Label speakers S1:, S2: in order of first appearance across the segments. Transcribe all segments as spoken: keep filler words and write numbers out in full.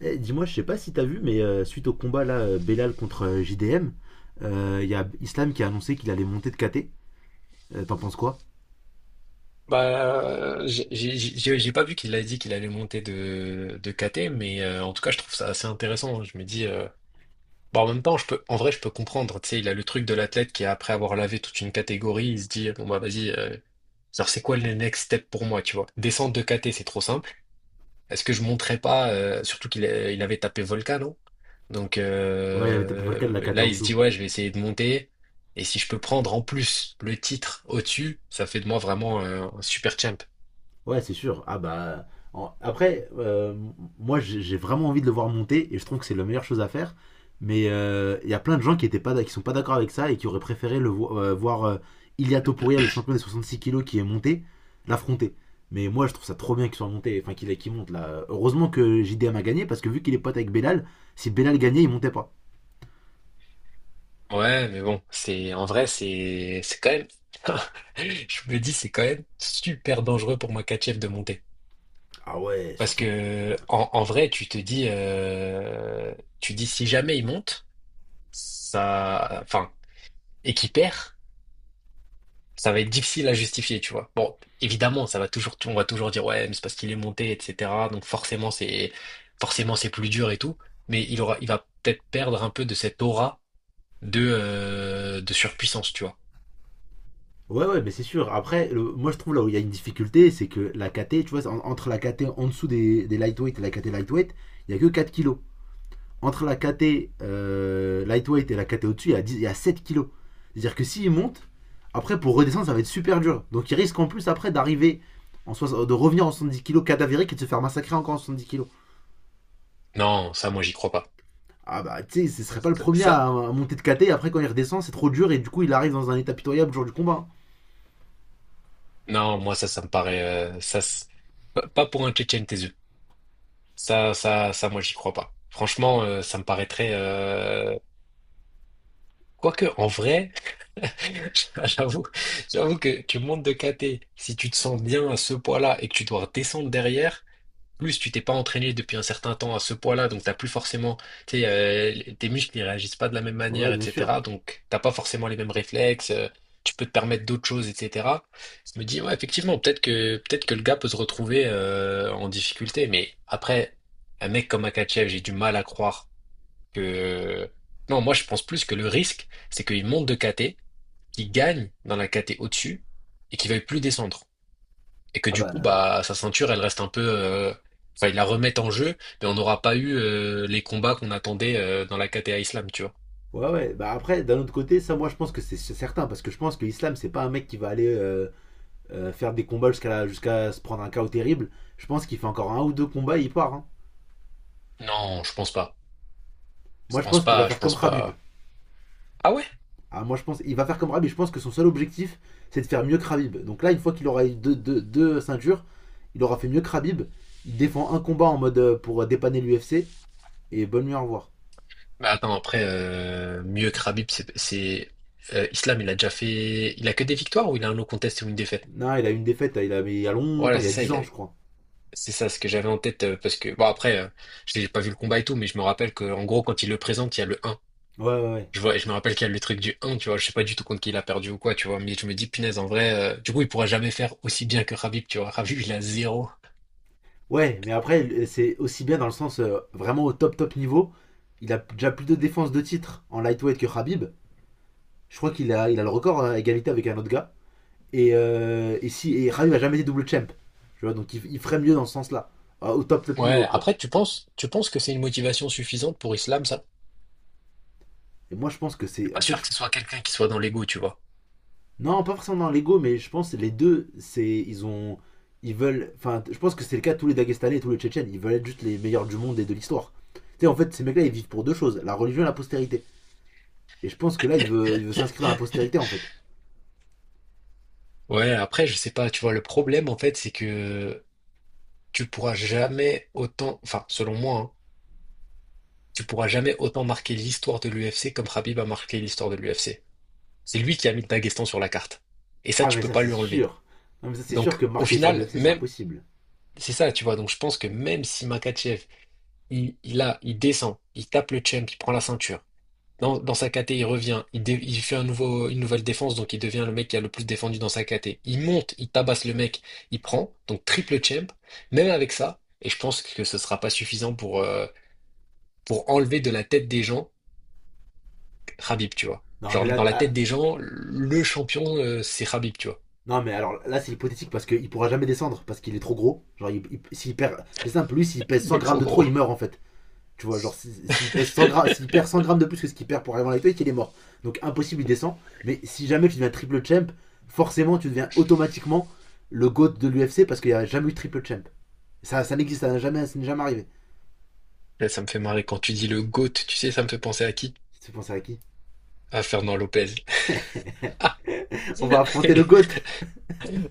S1: Eh, dis-moi, je sais pas si t'as vu, mais euh, suite au combat là, euh, Belal contre euh, J D M, euh, il y a Islam qui a annoncé qu'il allait monter de caté. Euh, T'en penses quoi?
S2: Bah, euh, j'ai j'ai- j'ai- j'ai pas vu qu'il a dit qu'il allait monter de, de ka té, mais euh, en tout cas, je trouve ça assez intéressant. Je me dis, euh, bah, en même temps, je peux, en vrai, je peux comprendre. Tu sais, il a le truc de l'athlète qui, après avoir lavé toute une catégorie, il se dit, bon, bah, vas-y, euh, genre, c'est quoi le next step pour moi, tu vois? Descendre de ka té, c'est trop simple. Est-ce que je monterais pas, euh, surtout qu'il a- il avait tapé Volcano. Donc,
S1: Ouais, il avait tapé Volcan de la
S2: euh,
S1: caté
S2: là,
S1: en
S2: il se
S1: dessous.
S2: dit, ouais, je vais essayer de monter. Et si je peux prendre en plus le titre au-dessus, ça fait de moi vraiment un un super champ.
S1: Ouais, c'est sûr. Ah bah en- après, euh, moi j'ai j'ai vraiment envie de le voir monter et je trouve que c'est la meilleure chose à faire. Mais euh, il y a plein de gens qui étaient pas d'ac- qui sont pas d'accord avec ça et qui auraient préféré le vo- euh, voir euh, Ilia Topuria, le champion des soixante-six kilos qui est monté, l'affronter. Mais moi je trouve ça trop bien qu'il soit monté, enfin qu'il qu'il monte là. Heureusement que J D M a gagné parce que vu qu'il est pote avec Belal, si Belal gagnait, il montait pas.
S2: Ouais, mais bon, c'est, en vrai, c'est c'est quand même. Je me dis, c'est quand même super dangereux pour moi, Kachev, de monter.
S1: Ah ouais,
S2: Parce
S1: surtout.
S2: que en, en vrai, tu te dis, euh, tu dis si jamais il monte, ça, enfin, et qu'il perd, ça va être difficile à justifier, tu vois. Bon, évidemment, ça va toujours, on va toujours dire ouais, mais c'est parce qu'il est monté, et cetera. Donc forcément, c'est forcément c'est plus dur et tout. Mais il aura, il va peut-être perdre un peu de cette aura de euh, de surpuissance, tu vois.
S1: Ouais, ouais, mais c'est sûr. Après, le- moi je trouve là où il y a une difficulté, c'est que la caté, tu vois, en- entre la caté en dessous des des lightweight et la caté lightweight, il n'y a que quatre kilos. Entre la caté euh, lightweight et la caté au-dessus, il y a dix il y a sept kilos. C'est-à-dire que s'il monte, après pour redescendre, ça va être super dur. Donc il risque en plus après d'arriver, en soix- de revenir en soixante-dix kilos cadavérique et de se faire massacrer encore en soixante-dix kilos.
S2: Non, ça, moi, j'y crois pas.
S1: Ah bah, tu sais, ce serait pas le premier
S2: Ça,
S1: à, à monter de caté, et après quand il redescend, c'est trop dur et du coup il arrive dans un état pitoyable le jour du combat.
S2: non, moi, ça, ça me paraît, euh, ça, s- pas pas pour un Tchétchène, tes yeux. Ça, ça, ça, moi, j'y crois pas. Franchement, euh, ça me paraîtrait, euh... Quoique, en vrai, j'avoue, j'avoue que tu montes de caté. Si tu te sens bien à ce poids-là et que tu dois descendre derrière, plus, tu t'es pas entraîné depuis un certain temps à ce poids-là, donc t'as plus forcément, tu sais, euh, les- tes muscles ils réagissent pas de la même
S1: Ouais,
S2: manière,
S1: bien sûr.
S2: et cetera. Donc t'as pas forcément les mêmes réflexes, euh, tu peux te permettre d'autres choses, et cetera. Je me dis, ouais, effectivement, peut-être que peut-être que le gars peut se retrouver euh, en difficulté, mais après, un mec comme Akachev, j'ai du mal à croire que. Non, moi je pense plus que le risque, c'est qu'il monte de ka té, qu'il gagne dans la ka té au-dessus et qu'il veuille plus descendre et que
S1: Ah
S2: du coup,
S1: bah.
S2: bah, sa ceinture, elle reste un peu. euh, Enfin, ils la remettent en jeu, mais on n'aura pas eu euh, les combats qu'on attendait euh, dans la ka té a Islam, tu vois.
S1: Ouais, ouais. Bah après, d'un autre côté, ça, moi, je pense que c'est c'est certain. Parce que je pense que l'islam, c'est pas un mec qui va aller euh, euh, faire des combats jusqu'à la- jusqu'à se prendre un chaos terrible. Je pense qu'il fait encore un ou deux combats et il part, hein.
S2: Non, je pense pas. Je
S1: Moi, je
S2: pense
S1: pense qu'il va
S2: pas, je
S1: faire
S2: pense
S1: comme Khabib.
S2: pas. Ah ouais?
S1: Ah, moi, je pense il va faire comme Khabib. Je pense que son seul objectif, c'est de faire mieux que Khabib. Donc là, une fois qu'il aura eu deux, deux- deux ceintures, il aura fait mieux que Khabib. Il défend un combat en mode euh, pour dépanner l'U F C. Et bonne nuit, au revoir.
S2: Mais attends, après, euh, mieux que Khabib, c'est. c'est- euh, Islam, il a déjà fait. Il a que des victoires ou il a un no contest ou une défaite?
S1: Non, il a eu une défaite il, a, mais il y a longtemps,
S2: Voilà,
S1: il y
S2: c'est
S1: a
S2: ça,
S1: dix
S2: il a.
S1: ans, je crois.
S2: C'est ça ce que j'avais en tête, euh, parce que. Bon, après, euh, j'ai pas vu le combat et tout, mais je me rappelle qu'en gros, quand il le présente, il y a le un.
S1: Ouais, ouais, ouais.
S2: Je vois, et je me rappelle qu'il y a le truc du un, tu vois, je sais pas du tout contre qui il a perdu ou quoi, tu vois, mais je me dis, punaise, en vrai, euh, du coup, il pourra jamais faire aussi bien que Khabib, tu vois. Khabib, il a zéro.
S1: Ouais, mais après, c'est aussi bien dans le sens euh, vraiment au top top niveau. Il a déjà plus de défenses de titre en lightweight que Khabib. Je crois qu'il a, il a le record, hein, à égalité avec un autre gars. Et, euh, et si, et Khabib a jamais été double champ. Tu vois, donc il, il ferait mieux dans ce sens-là. Euh, Au top top niveau,
S2: Ouais,
S1: quoi.
S2: après, tu penses, tu penses que c'est une motivation suffisante pour Islam, ça?
S1: Et moi, je pense que
S2: Je suis
S1: c'est.
S2: pas
S1: En fait,
S2: sûr
S1: je-
S2: que ce soit quelqu'un qui soit dans l'ego, tu vois.
S1: non, pas forcément dans l'ego, mais je pense que les deux, c'est. Ils ont. Ils veulent. Enfin, je pense que c'est le cas de tous les Dagestanais et tous les Tchétchènes. Ils veulent être juste les meilleurs du monde et de l'histoire. Tu sais, en fait, ces mecs-là, ils vivent pour deux choses: la religion et la postérité. Et je pense que là, il veut, il veut s'inscrire dans la postérité, en fait.
S2: Ouais, après, je sais pas, tu vois, le problème, en fait, c'est que tu pourras jamais autant, enfin, selon moi, hein, tu pourras jamais autant marquer l'histoire de l'u eff cé comme Khabib a marqué l'histoire de l'u eff cé. C'est lui qui a mis le Daghestan sur la carte. Et ça,
S1: Ah,
S2: tu
S1: mais
S2: peux
S1: ça,
S2: pas
S1: c'est
S2: lui enlever.
S1: sûr. Non, mais ça, c'est sûr
S2: Donc,
S1: que
S2: au
S1: marquer l'histoire de
S2: final,
S1: l'U F C, c'est
S2: même,
S1: impossible.
S2: c'est ça, tu vois. Donc je pense que même si Makachev, il, il a, il descend, il tape le champ, il prend la ceinture. Dans, dans sa ka té, il revient, il, dé- il fait un nouveau, une nouvelle défense, donc il devient le mec qui a le plus défendu dans sa ka té. Il monte, il tabasse le mec, il prend, donc triple champ, même avec ça, et je pense que ce sera pas suffisant pour, euh, pour enlever de la tête des gens Khabib, tu vois.
S1: Non, mais
S2: Genre,
S1: là,
S2: dans la tête
S1: ah,
S2: des gens, le champion, euh, c'est Khabib, tu vois.
S1: non, mais alors là, c'est hypothétique parce qu'il pourra jamais descendre parce qu'il est trop gros. Genre, il, il- s'il perd, c'est simple, lui, s'il pèse
S2: Il
S1: cent
S2: est
S1: grammes
S2: trop
S1: de trop,
S2: gros.
S1: il meurt, en fait. Tu vois, genre, s'il si- s'il pèse cent grammes, s'il perd cent grammes de plus que ce qu'il perd pour arriver en lightweight, il est mort. Donc, impossible, il descend. Mais si jamais tu deviens triple champ, forcément, tu deviens automatiquement le GOAT de l'U F C parce qu'il n'y a jamais eu triple champ. Ça, ça n'existe, ça n'a jamais, ça n'est jamais arrivé.
S2: Là, ça me fait marrer quand tu dis le GOAT, tu sais, ça me fait penser à qui?
S1: Tu penses à qui?
S2: À Fernand Lopez.
S1: On va affronter le GOAT.
S2: Ah,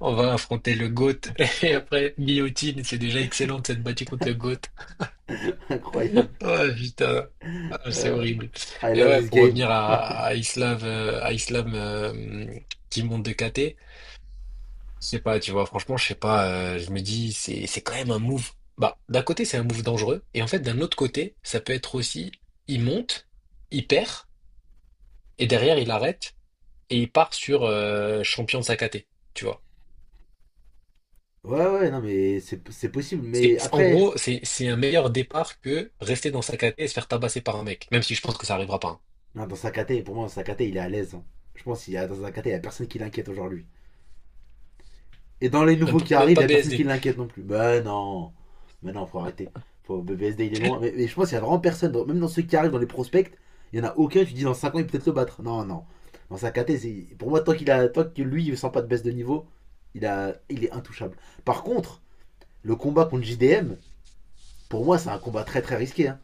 S2: on va affronter le GOAT. Et après, guillotine, c'est déjà excellent de s'être battu contre le GOAT.
S1: Incroyable.
S2: Oh putain, ah, c'est
S1: Euh,
S2: horrible.
S1: I
S2: Et
S1: love
S2: ouais,
S1: this
S2: pour
S1: game.
S2: revenir à, à Islam, euh, à Islam euh, qui monte de ka té, je sais pas, tu vois, franchement, je sais pas, euh, je me dis, c'est, c'est quand même un move. Bah, d'un côté, c'est un move dangereux. Et en fait, d'un autre côté, ça peut être aussi, il monte, il perd, et derrière, il arrête, et il part sur euh, champion de sa K T, tu vois.
S1: Ouais, ouais, non, mais c'est c'est possible.
S2: C'est,
S1: Mais
S2: c'est- en
S1: après,
S2: gros, c'est c'est un meilleur départ que rester dans sa caté et se faire tabasser par un mec, même si je pense que ça arrivera pas. hein.
S1: non, dans Sakate, pour moi, Sakate, il est à l'aise, hein. Je pense qu'il y a dans Sakate, il y a personne qui l'inquiète aujourd'hui. Et dans les
S2: Même
S1: nouveaux
S2: pas,
S1: qui
S2: même
S1: arrivent, il
S2: pas
S1: y a personne qui
S2: bé ess dé.
S1: l'inquiète non plus. Bah non. Mais non, faut arrêter. Faut, B B S D, il est loin. Mais, mais je pense qu'il y a vraiment personne, dans- même dans ceux qui arrivent dans les prospects, il y en a aucun. Tu dis dans cinq ans, il peut peut-être le battre. Non, non. Dans Sakate, pour moi, tant, qu'il a, tant que lui, il ne sent pas de baisse de niveau, il, a, il est intouchable. Par contre, le combat contre J D M, pour moi, c'est un combat très très risqué, hein.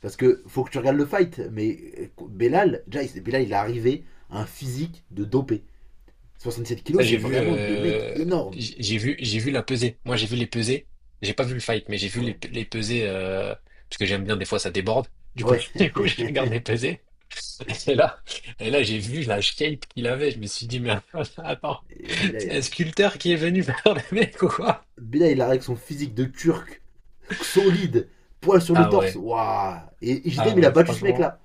S1: Parce que faut que tu regardes le fight, mais euh, Belal, déjà, il- Belal, il est arrivé à un physique de dopé. soixante-sept
S2: Ça,
S1: kilos, c'est
S2: j'ai vu,
S1: vraiment des mecs
S2: euh,
S1: énormes.
S2: j'ai j'ai vu, j'ai vu la pesée. Moi, j'ai vu les pesées. J'ai pas vu le fight, mais j'ai vu les,
S1: Ouais.
S2: pe- les pesées euh, parce que j'aime bien. Des fois, ça déborde. Du coup,
S1: Ouais.
S2: du coup, je regarde les pesées. Et là, et là, j'ai vu la shape qu'il avait. Je me suis dit, mais attends,
S1: Et Belal,
S2: c'est un
S1: euh,
S2: sculpteur qui est venu faire le mec ou quoi?
S1: Belal, il arrive avec son physique de turc, solide, poil sur le
S2: Ah
S1: torse.
S2: ouais,
S1: Waouh. Et
S2: ah
S1: J D M, il a
S2: ouais,
S1: battu ce
S2: franchement.
S1: mec-là.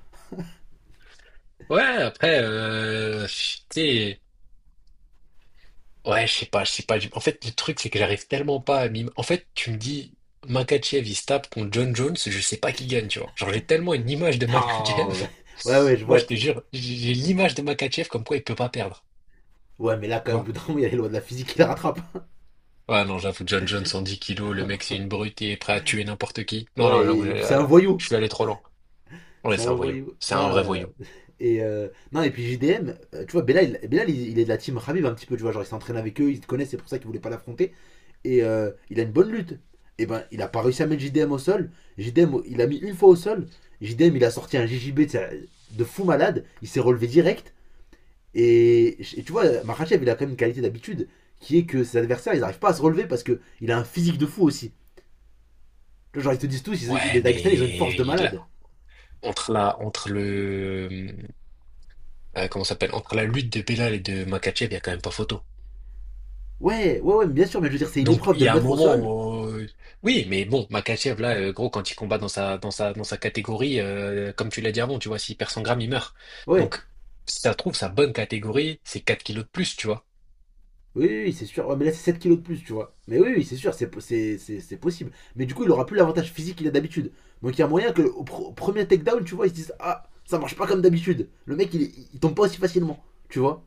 S2: Ouais, après, euh, tu sais. Ouais, je sais pas, je sais pas. En fait, le truc, c'est que j'arrive tellement pas à m'im... En fait, tu me dis, Makachev, il se tape contre John Jones, je sais pas qui gagne, tu vois. Genre, j'ai tellement une image de
S1: Ah,
S2: Makachev.
S1: ouais. Ouais, ouais, je
S2: Moi,
S1: vois.
S2: je te jure, j'ai j'ai l'image de Makachev comme quoi il peut pas perdre,
S1: Ouais, mais là, quand
S2: tu
S1: même, au
S2: vois.
S1: bout d'un moment, il y a les lois de la physique qui la rattrape.
S2: Ouais, non, j'avoue, John Jones, cent dix kilos, le mec, c'est une brute, il est prêt à tuer n'importe qui. Non, non,
S1: Ouais,
S2: j'avoue, j'ai-
S1: et puis c'est
S2: là,
S1: un
S2: là,
S1: voyou.
S2: je suis allé trop loin. Ouais,
S1: C'est
S2: c'est
S1: un
S2: un voyou.
S1: voyou.
S2: C'est un
S1: Non,
S2: vrai
S1: euh,
S2: voyou.
S1: et, euh, non, et puis J D M, euh, tu vois, Bella, il, Belal, il, il est de la team Khabib un petit peu, tu vois, genre il s'entraîne avec eux, ils se connaissent, c'est pour ça qu'il voulait pas l'affronter. Et euh, il a une bonne lutte. Et ben, il a pas réussi à mettre J D M au sol. J D M, il a mis une fois au sol. J D M, il a sorti un J J B, tu sais, de sa- de fou malade, il s'est relevé direct. Et, et tu vois, Makhachev, il a quand même une qualité d'habitude qui est que ses adversaires, ils n'arrivent pas à se relever parce que il a un physique de fou aussi. Genre, ils te disent tous, ils-
S2: Ouais,
S1: les Dagestanais, ils ont une force
S2: mais
S1: de
S2: il a-
S1: malade.
S2: entre la, entre le, euh, comment ça s'appelle, entre la lutte de Belal et de Makachev, il y a quand même pas photo.
S1: Ouais, ouais, ouais, mais bien sûr, mais je veux dire, c'est une
S2: Donc
S1: épreuve
S2: il
S1: de
S2: y
S1: le
S2: a un
S1: mettre au sol.
S2: moment, euh, oui, mais bon, Makachev là, euh, gros, quand il combat dans sa dans sa dans sa catégorie, euh, comme tu l'as dit avant, tu vois, s'il perd cent grammes, il meurt.
S1: Ouais,
S2: Donc si ça se trouve sa bonne catégorie, c'est quatre kilos de plus, tu vois.
S1: oui, oui, oui, c'est sûr. Ouais, mais là, c'est sept kilos de plus, tu vois. Mais oui, oui, c'est sûr, c'est po- c'est- c'est- c'est possible. Mais du coup, il aura plus l'avantage physique qu'il a d'habitude. Donc, il y a moyen que au pro- au premier takedown, tu vois, ils se disent: ah, ça marche pas comme d'habitude. Le mec, il, il tombe pas aussi facilement, tu vois.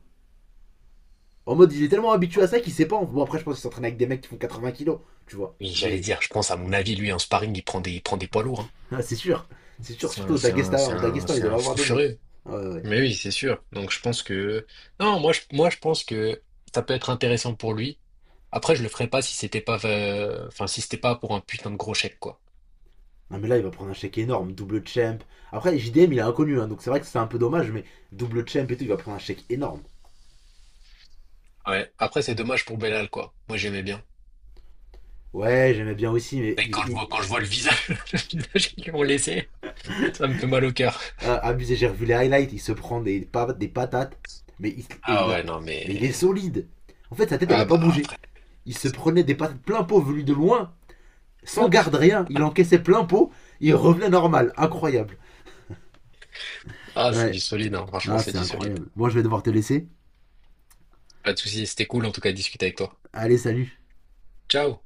S1: En mode, il est tellement habitué à ça qu'il sait pas. Bon, après, je pense qu'il s'entraîne avec des mecs qui font quatre-vingts kilos, tu vois.
S2: Oui, j'allais
S1: Mais
S2: dire, je pense à mon avis, lui en sparring, il prend des il prend des poids lourds. hein.
S1: ah, c'est sûr, c'est sûr,
S2: C'est
S1: surtout
S2: un
S1: au
S2: c'est un
S1: Daghestan,
S2: c'est
S1: au
S2: un
S1: Daghestan, il
S2: c'est
S1: doit
S2: un
S1: avoir
S2: fou
S1: des mecs.
S2: furieux.
S1: Ouais, ouais. Ouais.
S2: Mais oui, c'est sûr. Donc je pense que non, moi je moi je pense que ça peut être intéressant pour lui. Après, je le ferais pas si c'était pas euh, enfin si c'était pas pour un putain de gros chèque, quoi.
S1: Non, mais là, il va prendre un chèque énorme, double champ. Après, J D M, il est inconnu, hein, donc c'est vrai que c'est un peu dommage, mais double champ et tout, il va prendre un chèque énorme.
S2: Ouais. Après, c'est dommage pour Bellal, quoi. Moi, j'aimais bien.
S1: Ouais, j'aimais bien aussi, mais
S2: Mais
S1: il,
S2: quand je vois,
S1: il-
S2: quand je vois le visage, le visage qu'ils m'ont laissé, ça me fait mal au cœur.
S1: euh, abusé, j'ai revu les highlights, il se prend des, pa- des patates, mais il, et
S2: Ah
S1: il
S2: ouais,
S1: a,
S2: non,
S1: mais il est
S2: mais...
S1: solide. En fait, sa tête, elle n'a
S2: Ah
S1: pas
S2: bah,
S1: bougé.
S2: après.
S1: Il se prenait des patates plein pot venues de loin, sans garde rien, il encaissait plein pot, il revenait normal, incroyable.
S2: Ah, c'est
S1: Ouais,
S2: du solide, hein. Franchement,
S1: non,
S2: c'est
S1: c'est
S2: du solide.
S1: incroyable. Moi, je vais devoir te laisser.
S2: Pas de soucis, c'était cool en tout cas de discuter avec toi.
S1: Allez, salut.
S2: Ciao!